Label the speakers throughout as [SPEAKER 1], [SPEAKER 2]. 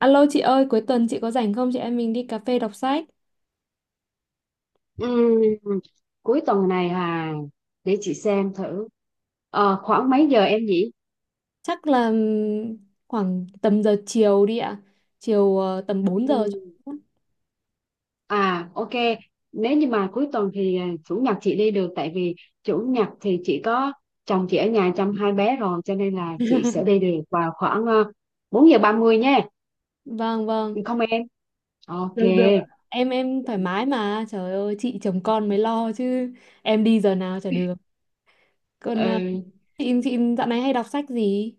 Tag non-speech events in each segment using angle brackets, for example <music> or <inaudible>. [SPEAKER 1] Alo chị ơi, cuối tuần chị có rảnh không? Chị em mình đi cà phê đọc sách.
[SPEAKER 2] Ừm, Cuối tuần này à, để chị xem thử. Khoảng mấy giờ em nhỉ?
[SPEAKER 1] Chắc là khoảng tầm giờ chiều đi ạ. Chiều tầm 4 giờ.
[SPEAKER 2] Ừm, ok, nếu như mà cuối tuần thì chủ nhật chị đi được, tại vì chủ nhật thì chị có chồng chị ở nhà chăm hai bé rồi, cho nên là chị sẽ đi được vào khoảng 4 giờ 30 nhé,
[SPEAKER 1] Vâng, vâng.
[SPEAKER 2] không em? Ok.
[SPEAKER 1] Được, được. Em thoải mái mà. Trời ơi, chị chồng con mới lo chứ. Em đi giờ nào chả được. Còn
[SPEAKER 2] Ừ.
[SPEAKER 1] chị dạo này hay đọc sách gì?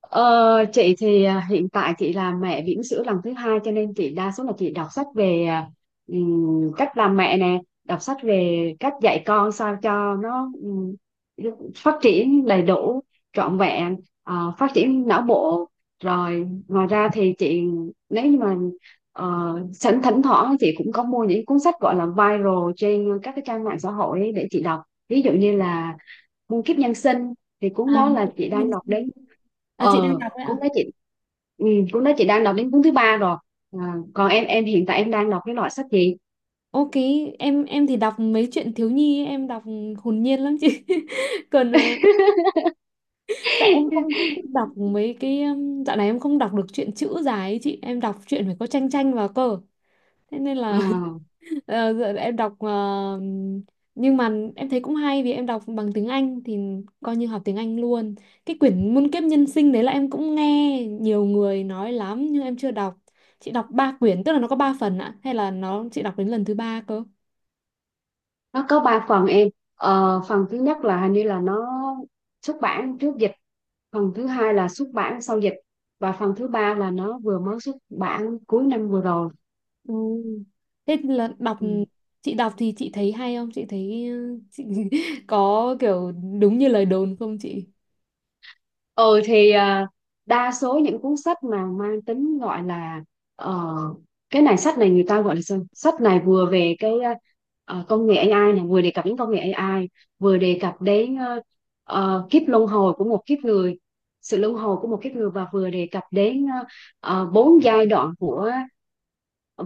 [SPEAKER 2] Ờ, chị thì hiện tại chị là mẹ bỉm sữa lần thứ hai, cho nên chị đa số là chị đọc sách về cách làm mẹ nè, đọc sách về cách dạy con sao cho nó phát triển đầy đủ, trọn vẹn, phát triển não bộ. Rồi ngoài ra thì chị, nếu như mà sẵn, thỉnh thoảng chị cũng có mua những cuốn sách gọi là viral trên các cái trang mạng xã hội ấy để chị đọc. Ví dụ như là Muôn kiếp nhân sinh, thì cuốn
[SPEAKER 1] À,
[SPEAKER 2] đó là chị đang đọc đến,
[SPEAKER 1] à chị đang đọc đấy ạ.
[SPEAKER 2] cũng nói chị, ừ, cũng nói chị đang đọc đến cuốn thứ ba rồi. À, còn em hiện tại em đang đọc cái loại sách gì?
[SPEAKER 1] Ok, em thì đọc mấy chuyện thiếu nhi, ấy, em đọc hồn nhiên lắm chị. <laughs> Còn
[SPEAKER 2] <laughs>
[SPEAKER 1] tại em không không thích đọc mấy cái dạo này em không đọc được truyện chữ dài ấy chị em đọc truyện phải có tranh tranh vào cơ thế nên
[SPEAKER 2] Ờ,
[SPEAKER 1] là <laughs> ờ, giờ em đọc ờ, nhưng mà em thấy cũng hay vì em đọc bằng tiếng Anh thì coi như học tiếng Anh luôn. Cái quyển Muôn kiếp nhân sinh đấy là em cũng nghe nhiều người nói lắm nhưng em chưa đọc. Chị đọc ba quyển, tức là nó có ba phần ạ, hay là nó chị đọc đến lần thứ ba cơ?
[SPEAKER 2] nó có ba phần em. Ờ, phần thứ nhất là hình như là nó xuất bản trước dịch, phần thứ hai là xuất bản sau dịch, và phần thứ ba là nó vừa mới xuất bản cuối năm vừa rồi.
[SPEAKER 1] Ừ. Thế là đọc,
[SPEAKER 2] Ừ.
[SPEAKER 1] chị đọc thì chị thấy hay không? Chị thấy chị <laughs> có kiểu đúng như lời đồn không chị?
[SPEAKER 2] ừ thì đa số những cuốn sách mà mang tính gọi là ờ, cái này, sách này người ta gọi là sao? Sách này vừa về cái công nghệ AI này, vừa đề cập đến công nghệ AI, vừa đề cập đến kiếp luân hồi của một kiếp người, sự luân hồi của một kiếp người, và vừa đề cập đến bốn giai đoạn của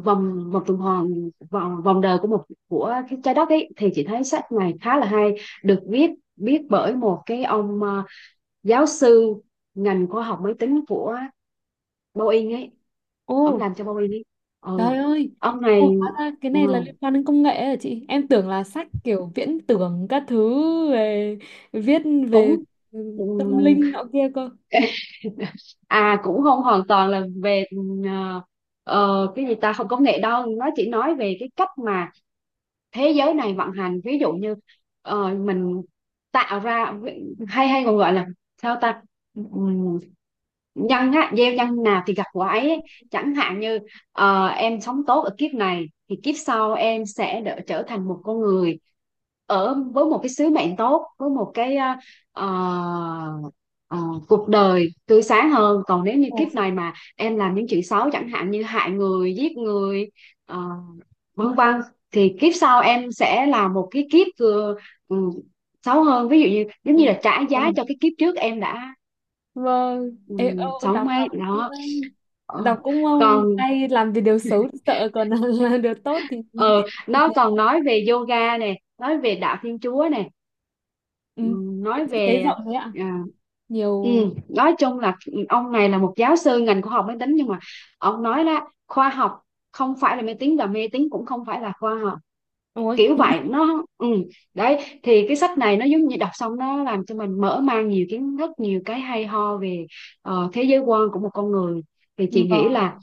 [SPEAKER 2] vòng vòng tuần hoàn, vòng vòng đời của một, của cái trái đất ấy, thì chị thấy sách này khá là hay. Được viết, viết bởi một cái ông giáo sư ngành khoa học máy tính của Boeing ấy, ông
[SPEAKER 1] Ồ,
[SPEAKER 2] làm cho Boeing ấy. Ừ,
[SPEAKER 1] trời ơi.
[SPEAKER 2] ông này.
[SPEAKER 1] Ồ, hóa ra cái
[SPEAKER 2] ừ,
[SPEAKER 1] này là liên quan đến công nghệ à chị? Em tưởng là sách kiểu viễn tưởng các thứ về viết về
[SPEAKER 2] cũng ừ,
[SPEAKER 1] tâm linh nọ kia cơ.
[SPEAKER 2] <laughs> À, cũng không hoàn toàn là về ờ, cái gì ta, không công nghệ đâu, nó chỉ nói về cái cách mà thế giới này vận hành. Ví dụ như mình tạo ra, hay hay còn gọi là sao ta, Ừm, nhân á, gieo nhân nào thì gặt quả ấy ấy. Chẳng hạn như em sống tốt ở kiếp này thì kiếp sau em sẽ đỡ, trở thành một con người ở với một cái sứ mệnh tốt, với một cái ờ, ờ, cuộc đời tươi sáng hơn. Còn nếu như
[SPEAKER 1] Ồ,
[SPEAKER 2] kiếp này mà em làm những chuyện xấu, chẳng hạn như hại người, giết người, ờ, vâng vâng, thì kiếp sau em sẽ là một cái kiếp vừa ừ, xấu hơn, ví dụ như giống như
[SPEAKER 1] ôi,
[SPEAKER 2] là trả giá
[SPEAKER 1] vâng.
[SPEAKER 2] cho cái kiếp trước em đã
[SPEAKER 1] Vâng.
[SPEAKER 2] ừ,
[SPEAKER 1] Ê, ô, đọc
[SPEAKER 2] sống ấy đó. Ờ,
[SPEAKER 1] đọc cũng
[SPEAKER 2] còn
[SPEAKER 1] hay làm vì điều xấu thì sợ còn <laughs> là điều tốt
[SPEAKER 2] ờ
[SPEAKER 1] thì
[SPEAKER 2] Nó
[SPEAKER 1] thế.
[SPEAKER 2] còn nói về yoga nè, nói về đạo Thiên Chúa nè,
[SPEAKER 1] Ừ.
[SPEAKER 2] ừ,
[SPEAKER 1] Vậy
[SPEAKER 2] nói
[SPEAKER 1] chị thấy
[SPEAKER 2] về, à,
[SPEAKER 1] rộng đấy ạ,
[SPEAKER 2] ừ,
[SPEAKER 1] nhiều.
[SPEAKER 2] nói chung là ông này là một giáo sư ngành khoa học máy tính, nhưng mà ông nói là khoa học không phải là máy tính, và mê tín cũng không phải là khoa học,
[SPEAKER 1] Ôi,
[SPEAKER 2] kiểu vậy nó. Ừ, đấy. Thì cái sách này nó giống như đọc xong nó làm cho mình mở mang nhiều kiến thức, nhiều cái hay ho về thế giới quan của một con người. Thì chị nghĩ
[SPEAKER 1] vâng.
[SPEAKER 2] là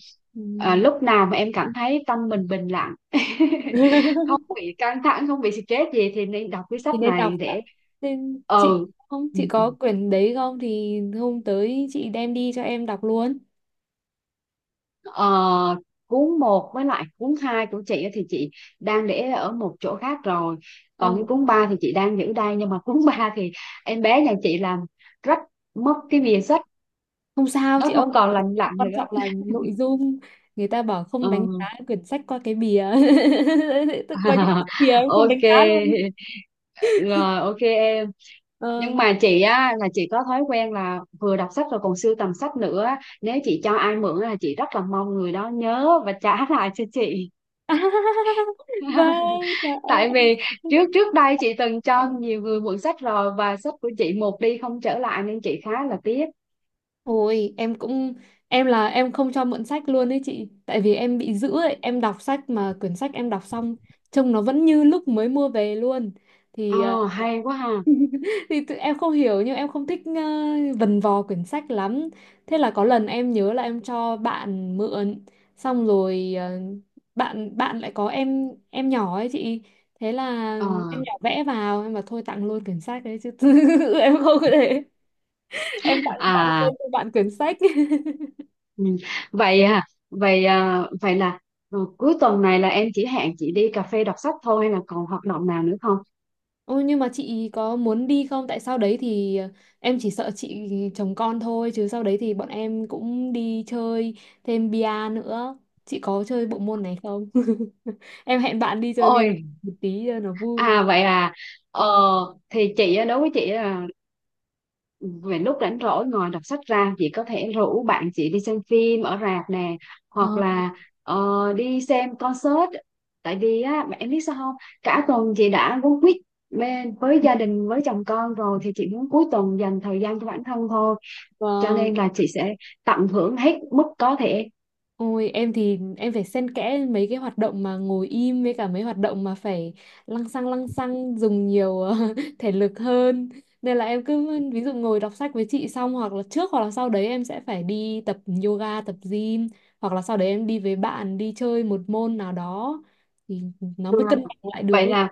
[SPEAKER 1] ừm,
[SPEAKER 2] lúc nào mà em cảm thấy tâm mình bình lặng, <laughs> không
[SPEAKER 1] <laughs>
[SPEAKER 2] bị căng thẳng, không bị stress gì, thì nên đọc cái sách
[SPEAKER 1] thì nên đọc
[SPEAKER 2] này
[SPEAKER 1] ạ.
[SPEAKER 2] để.
[SPEAKER 1] Nên chị
[SPEAKER 2] Ừ.
[SPEAKER 1] không, chị có quyển đấy không thì hôm tới chị đem đi cho em đọc luôn.
[SPEAKER 2] Ờ, cuốn một với lại cuốn 2 của chị á thì chị đang để ở một chỗ khác rồi, còn cái
[SPEAKER 1] Ông
[SPEAKER 2] cuốn 3 thì chị đang giữ đây, nhưng mà <laughs> cuốn 3 thì em bé nhà chị làm rách mất cái bìa sách,
[SPEAKER 1] không sao
[SPEAKER 2] nó
[SPEAKER 1] chị ơi,
[SPEAKER 2] không còn lành lặn
[SPEAKER 1] quan
[SPEAKER 2] nữa.
[SPEAKER 1] trọng là nội dung. Người ta bảo
[SPEAKER 2] Ờ,
[SPEAKER 1] không đánh giá quyển sách qua cái bìa. <laughs> Tức coi những cái bìa
[SPEAKER 2] <laughs>
[SPEAKER 1] em không
[SPEAKER 2] ok,
[SPEAKER 1] đánh giá luôn.
[SPEAKER 2] rồi ok em.
[SPEAKER 1] ờ
[SPEAKER 2] Nhưng mà chị á là chị có thói quen là vừa đọc sách rồi còn sưu tầm sách nữa á. Nếu chị cho ai mượn á, là chị rất là mong người đó nhớ và trả <laughs> lại cho chị.
[SPEAKER 1] <laughs> vâng, trời
[SPEAKER 2] <laughs> Tại
[SPEAKER 1] ơi.
[SPEAKER 2] vì trước trước đây chị từng cho
[SPEAKER 1] Em
[SPEAKER 2] nhiều người mượn sách rồi, và sách của chị một đi không trở lại, nên chị khá là tiếc.
[SPEAKER 1] Ôi, em cũng, em là em không cho mượn sách luôn ấy chị, tại vì em bị giữ ấy, em đọc sách mà quyển sách em đọc xong trông nó vẫn như lúc mới mua về luôn. Thì
[SPEAKER 2] Ờ, hay quá ha.
[SPEAKER 1] <laughs> em không hiểu nhưng em không thích vần vò quyển sách lắm. Thế là có lần em nhớ là em cho bạn mượn xong rồi bạn bạn lại có em nhỏ ấy chị. Thế là
[SPEAKER 2] Ờ
[SPEAKER 1] em nhỏ vẽ vào, em bảo thôi tặng luôn quyển sách đấy chứ <laughs> em không có để em tặng tặng
[SPEAKER 2] à
[SPEAKER 1] quên cho bạn quyển sách. <laughs>
[SPEAKER 2] ừ. Vậy à, vậy à, vậy là cuối tuần này là em chỉ hẹn chị đi cà phê đọc sách thôi, hay là còn hoạt động nào nữa không?
[SPEAKER 1] Ôi nhưng mà chị có muốn đi không? Tại sau đấy thì em chỉ sợ chị chồng con thôi chứ sau đấy thì bọn em cũng đi chơi thêm bia nữa. Chị có chơi bộ môn này không? <laughs> Em hẹn bạn đi chơi bia
[SPEAKER 2] Ôi,
[SPEAKER 1] một tí cho nó vui.
[SPEAKER 2] vậy à. Ờ
[SPEAKER 1] Vâng.
[SPEAKER 2] thì chị á, đối với chị á, về lúc rảnh rỗi, ngoài đọc sách ra chị có thể rủ bạn chị đi xem phim ở rạp nè, hoặc
[SPEAKER 1] Vâng.
[SPEAKER 2] là ờ, đi xem concert. Tại vì á em biết sao không, cả tuần chị đã quấn quýt bên với gia đình, với chồng con rồi, thì chị muốn cuối tuần dành thời gian cho bản thân thôi, cho
[SPEAKER 1] Vâng.
[SPEAKER 2] nên là chị sẽ tận hưởng hết mức có thể.
[SPEAKER 1] Ôi em thì em phải xen kẽ mấy cái hoạt động mà ngồi im với cả mấy hoạt động mà phải lăng xăng dùng nhiều <laughs> thể lực hơn. Nên là em cứ ví dụ ngồi đọc sách với chị xong hoặc là trước hoặc là sau đấy em sẽ phải đi tập yoga, tập gym hoặc là sau đấy em đi với bạn đi chơi một môn nào đó thì nó
[SPEAKER 2] Ừ.
[SPEAKER 1] mới cân bằng lại được
[SPEAKER 2] Vậy
[SPEAKER 1] ấy.
[SPEAKER 2] là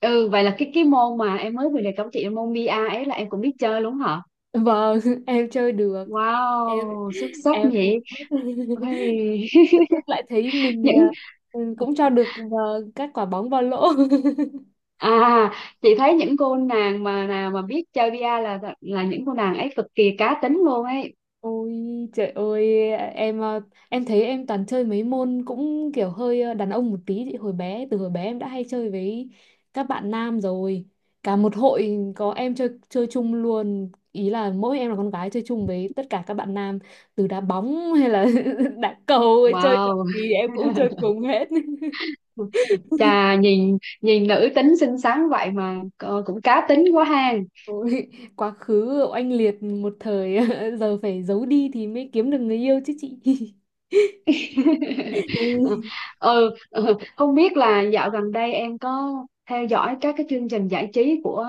[SPEAKER 2] vậy là cái môn mà em mới vừa đề cập chị, môn bi-a ấy, là em cũng biết chơi luôn hả?
[SPEAKER 1] Vâng, <laughs> em chơi được. em
[SPEAKER 2] Wow, xuất sắc
[SPEAKER 1] em
[SPEAKER 2] nhỉ.
[SPEAKER 1] <laughs>
[SPEAKER 2] Ôi,
[SPEAKER 1] tức lại thấy
[SPEAKER 2] <laughs>
[SPEAKER 1] mình
[SPEAKER 2] những,
[SPEAKER 1] cũng cho được vào các quả bóng vào lỗ. <laughs>
[SPEAKER 2] À, chị thấy những cô nàng nào mà biết chơi VR là những cô nàng ấy cực kỳ cá tính luôn ấy.
[SPEAKER 1] Ôi trời ơi, em em thấy em toàn chơi mấy môn cũng kiểu hơi đàn ông một tí. Thì hồi bé Từ hồi bé em đã hay chơi với các bạn nam rồi, cả một hội có em chơi chơi chung luôn, ý là mỗi em là con gái chơi chung với tất cả các bạn nam từ đá bóng hay là <laughs> đá cầu ấy, chơi trò
[SPEAKER 2] Wow,
[SPEAKER 1] gì em cũng chơi cùng hết. <laughs>
[SPEAKER 2] <laughs> chà, nhìn nhìn nữ tính xinh xắn vậy mà cũng cá tính quá ha.
[SPEAKER 1] Ôi, quá khứ oanh liệt một thời, <laughs> giờ phải giấu đi thì mới kiếm được người yêu chứ chị. <laughs>
[SPEAKER 2] <laughs>
[SPEAKER 1] Ê,
[SPEAKER 2] Ừ Không biết là dạo gần đây em có theo dõi các cái chương trình giải trí của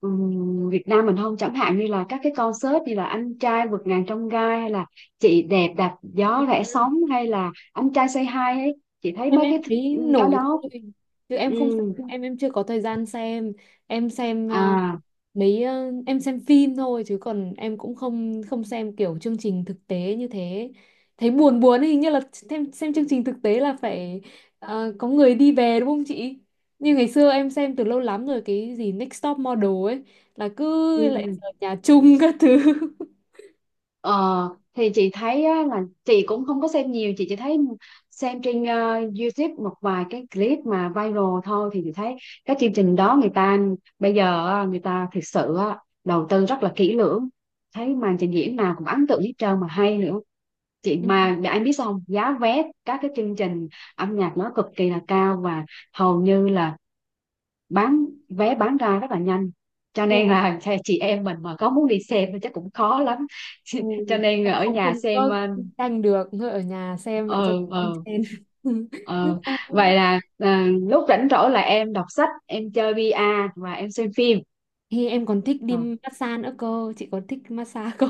[SPEAKER 2] Việt Nam mình không, chẳng hạn như là các cái concert như là Anh Trai Vượt Ngàn Trong Gai, hay là Chị Đẹp Đạp Gió Rẽ
[SPEAKER 1] Ừ.
[SPEAKER 2] Sóng, hay là Anh Trai Say Hi ấy, chị thấy
[SPEAKER 1] em
[SPEAKER 2] mấy
[SPEAKER 1] em
[SPEAKER 2] cái
[SPEAKER 1] thấy
[SPEAKER 2] cái
[SPEAKER 1] nổi
[SPEAKER 2] đó.
[SPEAKER 1] thôi chứ em không
[SPEAKER 2] ừ
[SPEAKER 1] xem, em chưa có thời gian xem. Em xem
[SPEAKER 2] à
[SPEAKER 1] em xem phim thôi chứ còn em cũng không không xem kiểu chương trình thực tế như thế, thấy buồn buồn ấy, hình như là xem chương trình thực tế là phải có người đi về đúng không chị? Như ngày xưa em xem từ lâu lắm rồi cái gì Next Top Model ấy là cứ lại
[SPEAKER 2] ừ.
[SPEAKER 1] ở nhà chung các thứ. <laughs>
[SPEAKER 2] Ờ, thì chị thấy á, là chị cũng không có xem nhiều, chị chỉ thấy xem trên YouTube một vài cái clip mà viral thôi, thì chị thấy các chương trình đó người ta bây giờ á, người ta thực sự á, đầu tư rất là kỹ lưỡng, thấy màn trình diễn nào cũng ấn tượng hết trơn mà hay nữa. Chị
[SPEAKER 1] Ừ.
[SPEAKER 2] mà để anh biết sao không, giá vé các cái chương trình âm nhạc nó cực kỳ là cao, và hầu như là bán vé bán ra rất là nhanh, cho nên
[SPEAKER 1] Thua.
[SPEAKER 2] là chị em mình mà có muốn đi xem thì chắc cũng khó lắm. <laughs> Cho
[SPEAKER 1] Ui,
[SPEAKER 2] nên
[SPEAKER 1] em
[SPEAKER 2] ở
[SPEAKER 1] không
[SPEAKER 2] nhà
[SPEAKER 1] không
[SPEAKER 2] xem.
[SPEAKER 1] có
[SPEAKER 2] Ờ
[SPEAKER 1] tranh được, thôi ở nhà xem vậy cho
[SPEAKER 2] ờ
[SPEAKER 1] con
[SPEAKER 2] ờ
[SPEAKER 1] trên.
[SPEAKER 2] ờ.
[SPEAKER 1] <laughs>
[SPEAKER 2] Vậy là lúc rảnh rỗi là em đọc sách, em chơi VR và em xem phim.
[SPEAKER 1] Thì em còn thích
[SPEAKER 2] Ờ.
[SPEAKER 1] đi massage nữa cơ, chị có thích massage không?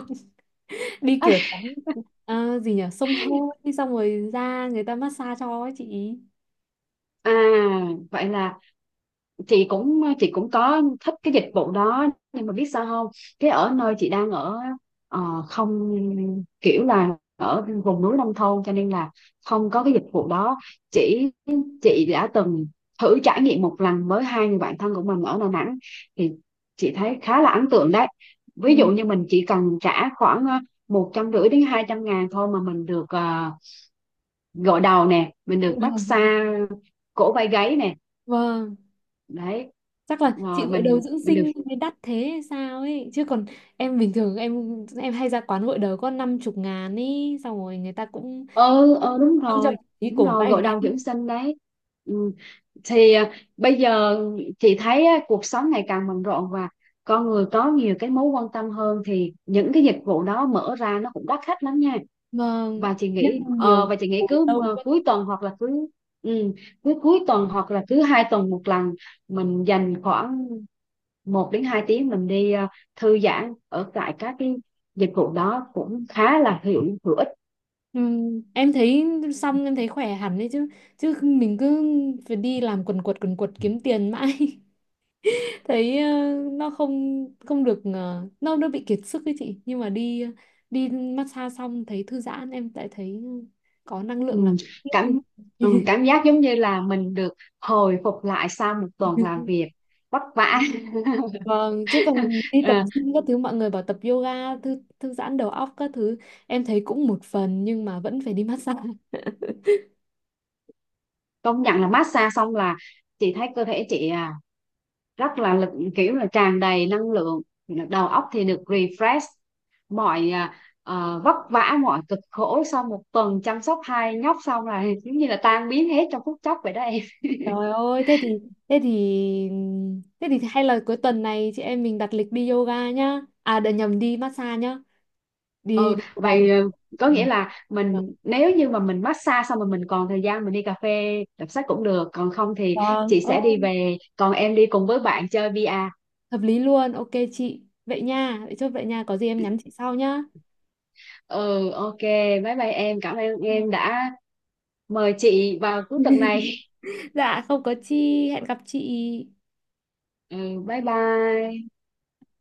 [SPEAKER 1] Đi kiểu
[SPEAKER 2] <laughs>
[SPEAKER 1] tắm gì nhỉ, xông hơi xong rồi ra người ta massage cho ấy chị.
[SPEAKER 2] à Vậy là chị cũng, chị cũng có thích cái dịch vụ đó, nhưng mà biết sao không, cái ở nơi chị đang ở ờ, không, kiểu là ở vùng núi nông thôn, cho nên là không có cái dịch vụ đó. Chỉ chị đã từng thử trải nghiệm một lần với hai người bạn thân của mình ở Đà Nẵng, thì chị thấy khá là ấn tượng đấy. Ví dụ như
[SPEAKER 1] Ừ.
[SPEAKER 2] mình chỉ cần trả khoảng một trăm rưỡi đến 200 ngàn thôi, mà mình được gội đầu nè, mình
[SPEAKER 1] Dự
[SPEAKER 2] được
[SPEAKER 1] đầu.
[SPEAKER 2] massage cổ vai gáy nè,
[SPEAKER 1] Vâng,
[SPEAKER 2] đấy,
[SPEAKER 1] chắc là chị
[SPEAKER 2] rồi
[SPEAKER 1] gội đầu
[SPEAKER 2] mình
[SPEAKER 1] dưỡng
[SPEAKER 2] mình được.
[SPEAKER 1] sinh mới đắt thế hay sao ấy, chứ còn em bình thường em hay ra quán gội đầu có năm chục ngàn ấy, xong rồi người ta cũng
[SPEAKER 2] Ừ Đúng
[SPEAKER 1] không cho
[SPEAKER 2] rồi,
[SPEAKER 1] một tí
[SPEAKER 2] đúng
[SPEAKER 1] cổ
[SPEAKER 2] rồi,
[SPEAKER 1] bay
[SPEAKER 2] gội đầu
[SPEAKER 1] này,
[SPEAKER 2] dưỡng sinh đấy. Ừ. Thì bây giờ chị thấy á, cuộc sống ngày càng bận rộn, và con người có nhiều cái mối quan tâm hơn, thì những cái dịch vụ đó mở ra nó cũng đắt khách lắm nha.
[SPEAKER 1] vâng,
[SPEAKER 2] và chị
[SPEAKER 1] nhất
[SPEAKER 2] nghĩ
[SPEAKER 1] là nhiều
[SPEAKER 2] ờ, và
[SPEAKER 1] người
[SPEAKER 2] chị nghĩ
[SPEAKER 1] ngồi
[SPEAKER 2] cứ
[SPEAKER 1] lâu vẫn.
[SPEAKER 2] cuối tuần hoặc là cứ ừ, cứ cuối tuần hoặc là cứ hai tuần một lần, mình dành khoảng một đến 2 tiếng mình đi thư giãn ở tại các cái dịch vụ đó cũng khá là hữu hữu ích.
[SPEAKER 1] Em thấy xong em thấy khỏe hẳn đấy chứ, chứ mình cứ phải đi làm quần quật kiếm tiền mãi <laughs> thấy nó không không được, nó bị kiệt sức ấy chị, nhưng mà đi đi massage xong thấy thư giãn em lại thấy có năng
[SPEAKER 2] ừ,
[SPEAKER 1] lượng làm việc tiếp nên-
[SPEAKER 2] cảm Cảm giác giống như là mình được hồi phục lại sau một tuần làm việc vất vả.
[SPEAKER 1] <laughs>
[SPEAKER 2] <laughs>
[SPEAKER 1] vâng, chứ còn đi tập
[SPEAKER 2] Ờ,
[SPEAKER 1] gym các thứ mọi người bảo tập yoga thư thư giãn đầu óc các thứ em thấy cũng một phần nhưng mà vẫn phải đi <laughs> massage.
[SPEAKER 2] công nhận là massage xong là chị thấy cơ thể chị rất là lực, kiểu là tràn đầy năng lượng, đầu óc thì được refresh, mọi à, vất vả mọi cực khổ sau một tuần chăm sóc hai nhóc xong là giống như là tan biến hết trong phút chốc vậy đó em. <laughs>
[SPEAKER 1] Trời ơi thế thì thế thì thế thì hay là cuối tuần này chị em mình đặt lịch đi yoga nhá, à để nhầm đi massage nhá, đi
[SPEAKER 2] Ừ
[SPEAKER 1] đi yoga thì
[SPEAKER 2] Vậy có
[SPEAKER 1] ừ.
[SPEAKER 2] nghĩa là mình, nếu như mà mình massage xong rồi mình còn thời gian, mình đi cà phê đọc sách cũng được, còn không thì
[SPEAKER 1] Vâng,
[SPEAKER 2] chị sẽ đi
[SPEAKER 1] ô,
[SPEAKER 2] về, còn em đi cùng với bạn chơi VR.
[SPEAKER 1] hợp lý luôn, ok chị. Vậy nha, vậy chốt vậy nha, có gì em nhắn chị sau nhá.
[SPEAKER 2] Ừ, ok, bye bye em, cảm ơn em đã mời chị vào cuối tuần này.
[SPEAKER 1] <laughs> Dạ, không có chi, hẹn gặp chị.
[SPEAKER 2] Ừ, bye bye.